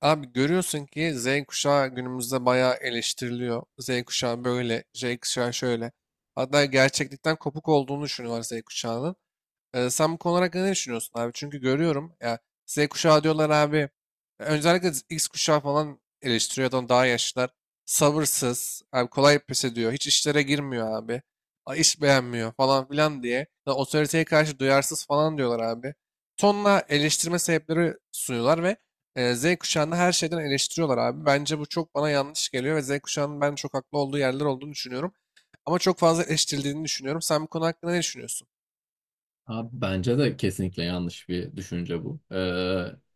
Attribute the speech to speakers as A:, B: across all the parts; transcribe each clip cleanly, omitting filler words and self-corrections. A: Abi görüyorsun ki Z kuşağı günümüzde bayağı eleştiriliyor. Z kuşağı böyle, Z kuşağı şöyle. Hatta gerçeklikten kopuk olduğunu düşünüyorlar Z kuşağının. Sen bu konu hakkında ne düşünüyorsun abi? Çünkü görüyorum ya Z kuşağı diyorlar abi. Öncelikle X kuşağı falan eleştiriyor adam daha yaşlılar. Sabırsız, abi kolay pes ediyor. Hiç işlere girmiyor abi. İş beğenmiyor falan filan diye. Ya otoriteye karşı duyarsız falan diyorlar abi. Tonla eleştirme sebepleri sunuyorlar ve Z kuşağını her şeyden eleştiriyorlar abi. Bence bu çok bana yanlış geliyor ve Z kuşağının ben çok haklı olduğu yerler olduğunu düşünüyorum. Ama çok fazla eleştirildiğini düşünüyorum. Sen bu konu hakkında ne düşünüyorsun?
B: Abi bence de kesinlikle yanlış bir düşünce bu.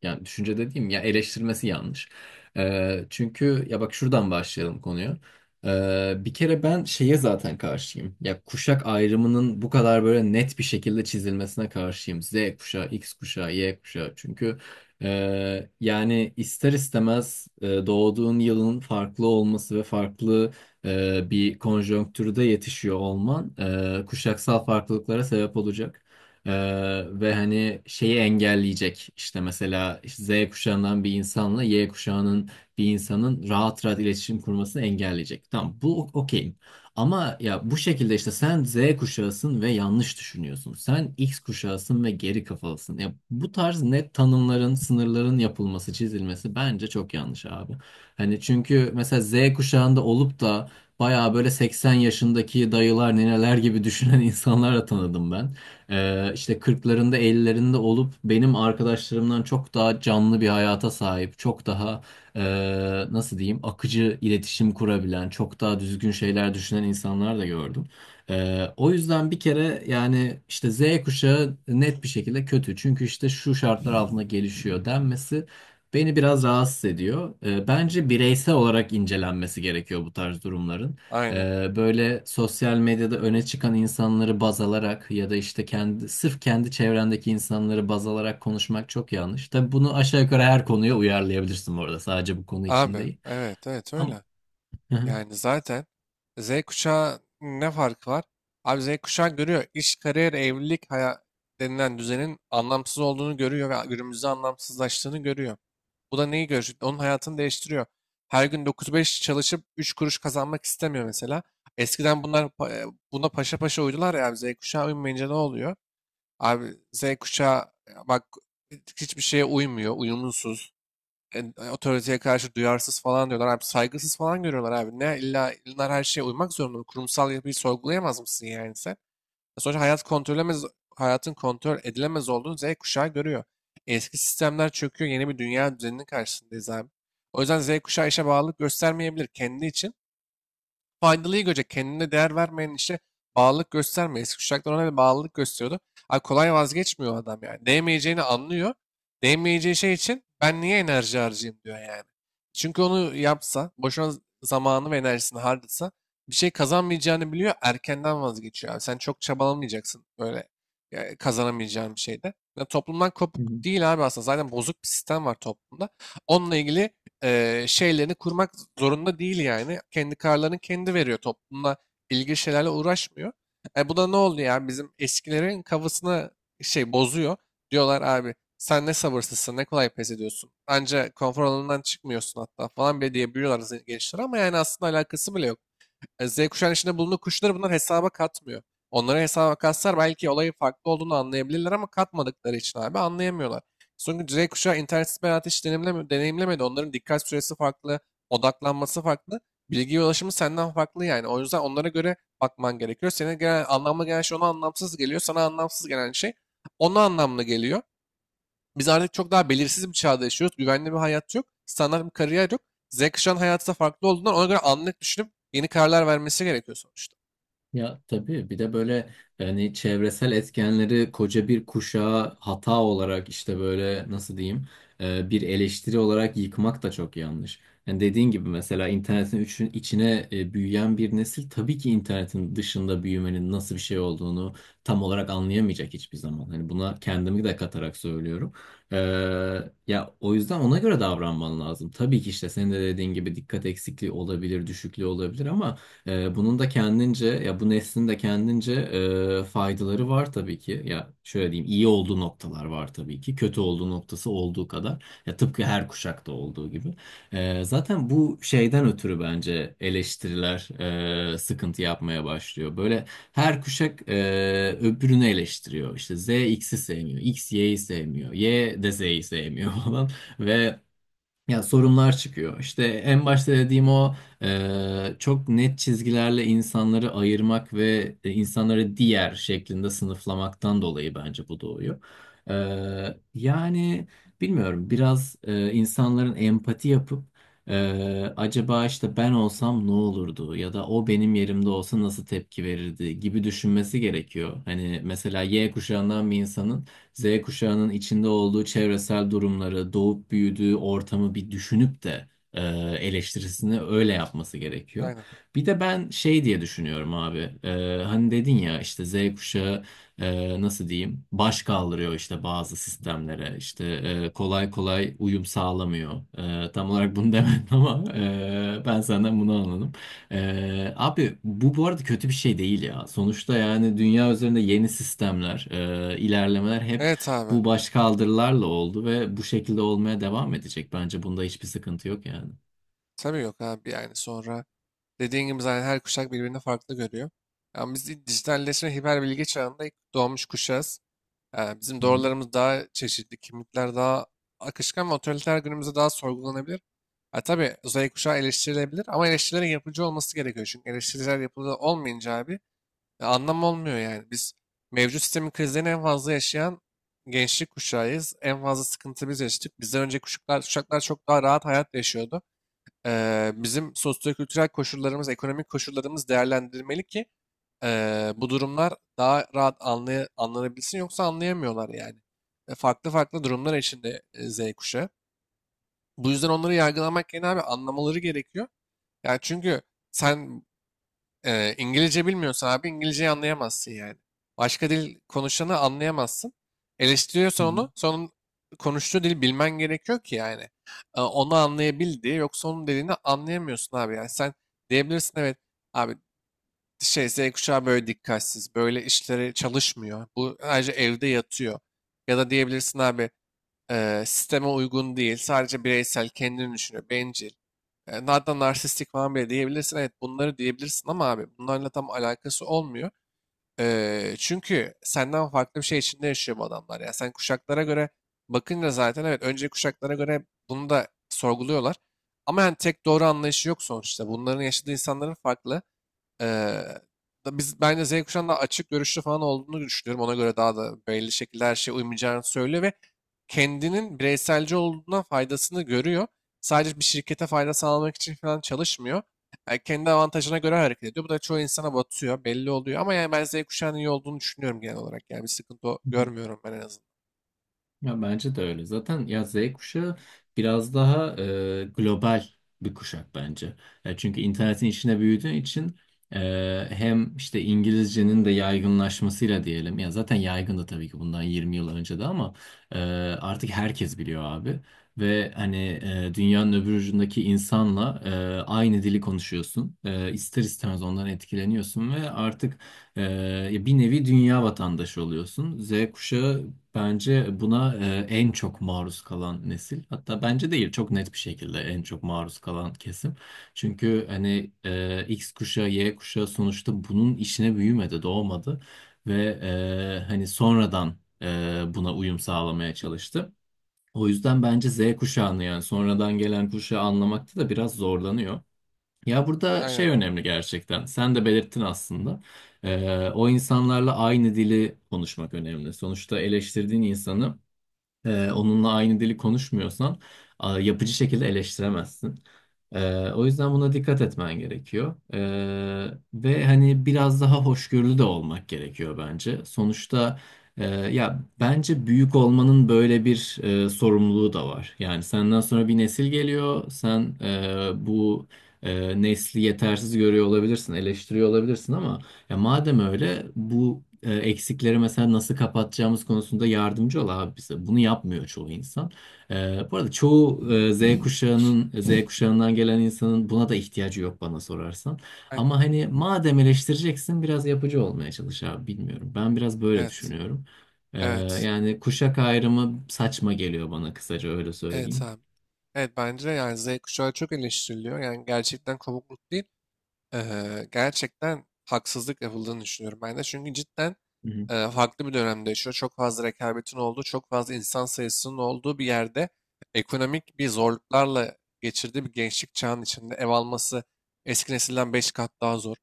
B: Yani düşünce dediğim ya eleştirmesi yanlış. Çünkü ya bak şuradan başlayalım konuya. Bir kere ben şeye zaten karşıyım. Ya kuşak ayrımının bu kadar böyle net bir şekilde çizilmesine karşıyım. Z kuşağı, X kuşağı, Y kuşağı. Çünkü yani ister istemez doğduğun yılın farklı olması ve farklı bir konjonktürde yetişiyor olman kuşaksal farklılıklara sebep olacak. Ve hani şeyi engelleyecek işte mesela işte Z kuşağından bir insanla Y kuşağının bir insanın rahat rahat iletişim kurmasını engelleyecek. Tamam bu okeyim. Ama ya bu şekilde işte sen Z kuşağısın ve yanlış düşünüyorsun. Sen X kuşağısın ve geri kafalısın. Ya bu tarz net tanımların, sınırların yapılması, çizilmesi bence çok yanlış abi. Hani çünkü mesela Z kuşağında olup da bayağı böyle 80 yaşındaki dayılar, nineler gibi düşünen insanlarla tanıdım ben. İşte kırklarında 50'lerinde olup benim arkadaşlarımdan çok daha canlı bir hayata sahip, çok daha e, nasıl diyeyim akıcı iletişim kurabilen, çok daha düzgün şeyler düşünen insanlar da gördüm. O yüzden bir kere yani işte Z kuşağı net bir şekilde kötü. Çünkü işte şu şartlar altında gelişiyor denmesi beni biraz rahatsız ediyor. Bence bireysel olarak incelenmesi gerekiyor bu tarz durumların.
A: Aynen.
B: Böyle sosyal medyada öne çıkan insanları baz alarak ya da işte kendi sırf kendi çevrendeki insanları baz alarak konuşmak çok yanlış. Tabii bunu aşağı yukarı her konuya uyarlayabilirsin bu arada. Sadece bu konu için
A: Abi,
B: değil.
A: evet evet,
B: Ama
A: öyle.
B: hı
A: Yani zaten Z kuşağı ne farkı var? Abi Z kuşağı görüyor. İş, kariyer, evlilik denilen düzenin anlamsız olduğunu görüyor ve günümüzde anlamsızlaştığını görüyor. Bu da neyi görüyor? Onun hayatını değiştiriyor. Her gün 9-5 çalışıp 3 kuruş kazanmak istemiyor mesela. Eskiden bunlar buna paşa paşa uydular ya abi, Z kuşağı uymayınca ne oluyor? Abi Z kuşağı bak, hiçbir şeye uymuyor, uyumsuz. Otoriteye karşı duyarsız falan diyorlar abi. Saygısız falan görüyorlar abi. Ne, illa illa her şeye uymak zorunda mı? Kurumsal yapıyı sorgulayamaz mısın yani sen? Sonuçta hayatın kontrol edilemez olduğunu Z kuşağı görüyor. Eski sistemler çöküyor. Yeni bir dünya düzeninin karşısındayız abi. O yüzden Z kuşağı işe bağlılık göstermeyebilir, kendi için faydalıyı görecek. Kendine değer vermeyen işe bağlılık gösterme. Eski kuşaklar ona bir bağlılık gösteriyordu. Abi kolay vazgeçmiyor adam yani. Değmeyeceğini anlıyor. Değmeyeceği şey için ben niye enerji harcayayım diyor yani. Çünkü onu yapsa, boşuna zamanı ve enerjisini harcasa bir şey kazanmayacağını biliyor, erkenden vazgeçiyor abi. Sen çok çabalamayacaksın böyle kazanamayacağın bir şeyde. Ya toplumdan kopuk
B: hı.
A: değil abi, aslında zaten bozuk bir sistem var toplumda. Onunla ilgili şeylerini kurmak zorunda değil yani. Kendi kararlarını kendi veriyor. Toplumla ilgili şeylerle uğraşmıyor. Bu da ne oldu yani, bizim eskilerin kafasına şey bozuyor. Diyorlar abi, sen ne sabırsızsın, ne kolay pes ediyorsun. Anca konfor alanından çıkmıyorsun hatta falan bile diyebiliyorlar gençler, ama yani aslında alakası bile yok. Z kuşağının içinde bulunduğu kuşları bunlar hesaba katmıyor. Onlara hesaba katsalar belki olayın farklı olduğunu anlayabilirler ama katmadıkları için abi anlayamıyorlar. Çünkü Z kuşağı internetsiz bir hayatı hiç deneyimlemedi. Onların dikkat süresi farklı, odaklanması farklı, bilgiye ulaşımı senden farklı yani. O yüzden onlara göre bakman gerekiyor. Senin genel, anlamlı gelen şey ona anlamsız geliyor. Sana anlamsız gelen şey ona anlamlı geliyor. Biz artık çok daha belirsiz bir çağda yaşıyoruz. Güvenli bir hayat yok. Standart bir kariyer yok. Z kuşağının hayatı da farklı olduğundan ona göre anlık düşünüp yeni kararlar vermesi gerekiyor sonuçta.
B: Ya tabii bir de böyle yani çevresel etkenleri koca bir kuşağa hata olarak işte böyle nasıl diyeyim bir eleştiri olarak yıkmak da çok yanlış. Yani dediğin gibi mesela internetin içine büyüyen bir nesil tabii ki internetin dışında büyümenin nasıl bir şey olduğunu tam olarak anlayamayacak hiçbir zaman. Hani buna kendimi de katarak söylüyorum. E, Ya o yüzden ona göre davranman lazım. Tabii ki işte senin de dediğin gibi dikkat eksikliği olabilir, düşüklüğü olabilir ama bunun da kendince ya bu neslin de kendince faydaları var tabii ki. Ya şöyle diyeyim iyi olduğu noktalar var tabii ki. Kötü olduğu noktası olduğu kadar. Ya tıpkı her kuşakta olduğu gibi. Zaten bu şeyden ötürü bence eleştiriler sıkıntı yapmaya başlıyor. Böyle her kuşak öbürünü eleştiriyor. İşte Z X'i sevmiyor, X Y'yi sevmiyor, Y de Z'yi sevmiyor falan ve ya sorunlar çıkıyor. İşte en başta dediğim o çok net çizgilerle insanları ayırmak ve insanları diğer şeklinde sınıflamaktan dolayı bence bu doğuyor. E, Yani bilmiyorum biraz insanların empati yapıp acaba işte ben olsam ne olurdu ya da o benim yerimde olsa nasıl tepki verirdi gibi düşünmesi gerekiyor. Hani mesela Y kuşağından bir insanın Z kuşağının içinde olduğu çevresel durumları, doğup büyüdüğü ortamı bir düşünüp de eleştirisini öyle yapması gerekiyor.
A: Aynen.
B: Bir de ben şey diye düşünüyorum abi. Hani dedin ya işte Z kuşağı nasıl diyeyim baş kaldırıyor işte bazı sistemlere işte kolay kolay uyum sağlamıyor. Tam olarak bunu demedim ama ben senden bunu anladım. Abi bu arada kötü bir şey değil ya. Sonuçta yani dünya üzerinde yeni sistemler, ilerlemeler hep
A: Evet abi.
B: bu başkaldırılarla oldu ve bu şekilde olmaya devam edecek. Bence bunda hiçbir sıkıntı yok yani.
A: Tabii yok abi, yani sonra dediğin gibi zaten her kuşak birbirini farklı görüyor. Yani biz dijitalleşme, hiper bilgi çağında ilk doğmuş kuşağız. Yani bizim
B: Hı hı.
A: doğrularımız daha çeşitli, kimlikler daha akışkan ve otoriter günümüzde daha sorgulanabilir. Ha, tabii Z kuşağı eleştirilebilir ama eleştirilerin yapıcı olması gerekiyor. Çünkü eleştiriler yapılı olmayınca abi, anlam olmuyor yani. Biz mevcut sistemin krizlerini en fazla yaşayan gençlik kuşağıyız. En fazla sıkıntı biz yaşadık. Bizden önceki kuşaklar çok daha rahat hayat yaşıyordu. Bizim sosyo-kültürel koşullarımız, ekonomik koşullarımız değerlendirmeli ki bu durumlar daha rahat anlanabilsin, yoksa anlayamıyorlar yani. Farklı farklı durumlar içinde Z kuşağı. Bu yüzden onları yargılamak yerine abi anlamaları gerekiyor. Yani çünkü sen İngilizce bilmiyorsan abi İngilizceyi anlayamazsın yani. Başka dil konuşanı anlayamazsın.
B: Hı
A: Eleştiriyorsan
B: hı.
A: onu, sonun konuştuğu dili bilmen gerekiyor ki yani. Onu anlayabil diye. Yoksa onun dediğini anlayamıyorsun abi. Yani sen diyebilirsin, evet abi, şey, Z kuşağı böyle dikkatsiz, böyle işleri çalışmıyor. Bu ayrıca evde yatıyor. Ya da diyebilirsin abi, sisteme uygun değil, sadece bireysel, kendini düşünüyor, bencil. Hatta narsistik falan bile diyebilirsin. Evet, bunları diyebilirsin ama abi bunlarla tam alakası olmuyor. Çünkü senden farklı bir şey içinde yaşıyor bu adamlar. Ya sen kuşaklara göre bakınca zaten evet, önceki kuşaklara göre bunu da sorguluyorlar. Ama yani tek doğru anlayışı yok sonuçta. Bunların yaşadığı insanların farklı. Eee, Da biz, bence Z kuşağının daha açık görüşlü falan olduğunu düşünüyorum. Ona göre daha da belli şekilde her şeye uymayacağını söylüyor ve kendinin bireyselci olduğundan faydasını görüyor. Sadece bir şirkete fayda sağlamak için falan çalışmıyor. Yani kendi avantajına göre hareket ediyor. Bu da çoğu insana batıyor, belli oluyor. Ama yani ben Z kuşağının iyi olduğunu düşünüyorum genel olarak. Yani bir sıkıntı
B: Hı hı.
A: görmüyorum ben en azından.
B: Ya bence de öyle. Zaten ya Z kuşağı biraz daha global bir kuşak bence. Ya çünkü internetin içine büyüdüğü için hem işte İngilizcenin de yaygınlaşmasıyla diyelim. Ya zaten yaygındı tabii ki bundan 20 yıl önce de ama e, artık herkes biliyor abi. Ve hani dünyanın öbür ucundaki insanla aynı dili konuşuyorsun. İster istemez ondan etkileniyorsun ve artık ee, ya bir nevi dünya vatandaşı oluyorsun. Z kuşağı bence buna en çok maruz kalan nesil. Hatta bence değil, çok net bir şekilde en çok maruz kalan kesim. Çünkü hani X kuşağı, Y kuşağı sonuçta bunun işine büyümedi, doğmadı ve hani sonradan e, buna uyum sağlamaya çalıştı. O yüzden bence Z kuşağını yani sonradan gelen kuşağı anlamakta da biraz zorlanıyor. Ya burada
A: Aynen.
B: şey önemli gerçekten. Sen de belirttin aslında. O insanlarla aynı dili konuşmak önemli. Sonuçta eleştirdiğin insanı onunla aynı dili konuşmuyorsan yapıcı şekilde eleştiremezsin. O yüzden buna dikkat etmen gerekiyor. Ve hani biraz daha hoşgörülü de olmak gerekiyor bence. Sonuçta ya bence büyük olmanın böyle bir sorumluluğu da var. Yani senden sonra bir nesil geliyor. Sen bu nesli yetersiz görüyor olabilirsin, eleştiriyor olabilirsin ama ya madem öyle bu eksikleri mesela nasıl kapatacağımız konusunda yardımcı ol abi bize. Bunu yapmıyor çoğu insan. Bu arada çoğu Z kuşağının Z kuşağından gelen insanın buna da ihtiyacı yok bana sorarsan.
A: Aynen.
B: Ama hani madem eleştireceksin biraz yapıcı olmaya çalış abi bilmiyorum. Ben biraz böyle
A: Evet.
B: düşünüyorum.
A: Evet.
B: Yani kuşak ayrımı saçma geliyor bana kısaca öyle
A: Evet
B: söyleyeyim.
A: abi. Evet, bence de yani Z kuşağı çok eleştiriliyor. Yani gerçekten kopukluk değil. Gerçekten haksızlık yapıldığını düşünüyorum ben de. Çünkü cidden
B: Hı hı.
A: farklı bir dönemde yaşıyor. Çok fazla rekabetin olduğu, çok fazla insan sayısının olduğu bir yerde ekonomik bir zorluklarla geçirdiği bir gençlik çağının içinde ev alması eski nesilden 5 kat daha zor.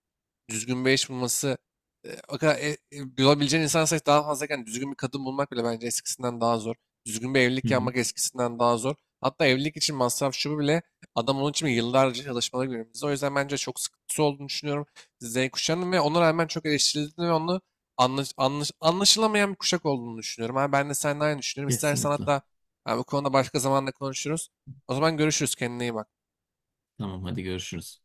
A: Düzgün bir eş bulması o kadar bulabileceğin insan sayısı daha fazlayken düzgün bir kadın bulmak bile bence eskisinden daha zor. Düzgün bir
B: Hı
A: evlilik
B: hı.
A: yapmak eskisinden daha zor. Hatta evlilik için masraf şu bu bile, adam onun için yıllarca çalışmaları günümüzde. O yüzden bence çok sıkıntısı olduğunu düşünüyorum Z kuşağının ve ona rağmen çok eleştirildiğini ve onu anlaşılamayan bir kuşak olduğunu düşünüyorum. Abi ben de seninle aynı düşünüyorum. İstersen
B: Kesinlikle.
A: hatta ha, bu konuda başka zamanda konuşuruz. O zaman görüşürüz. Kendine iyi bak.
B: Tamam hadi görüşürüz.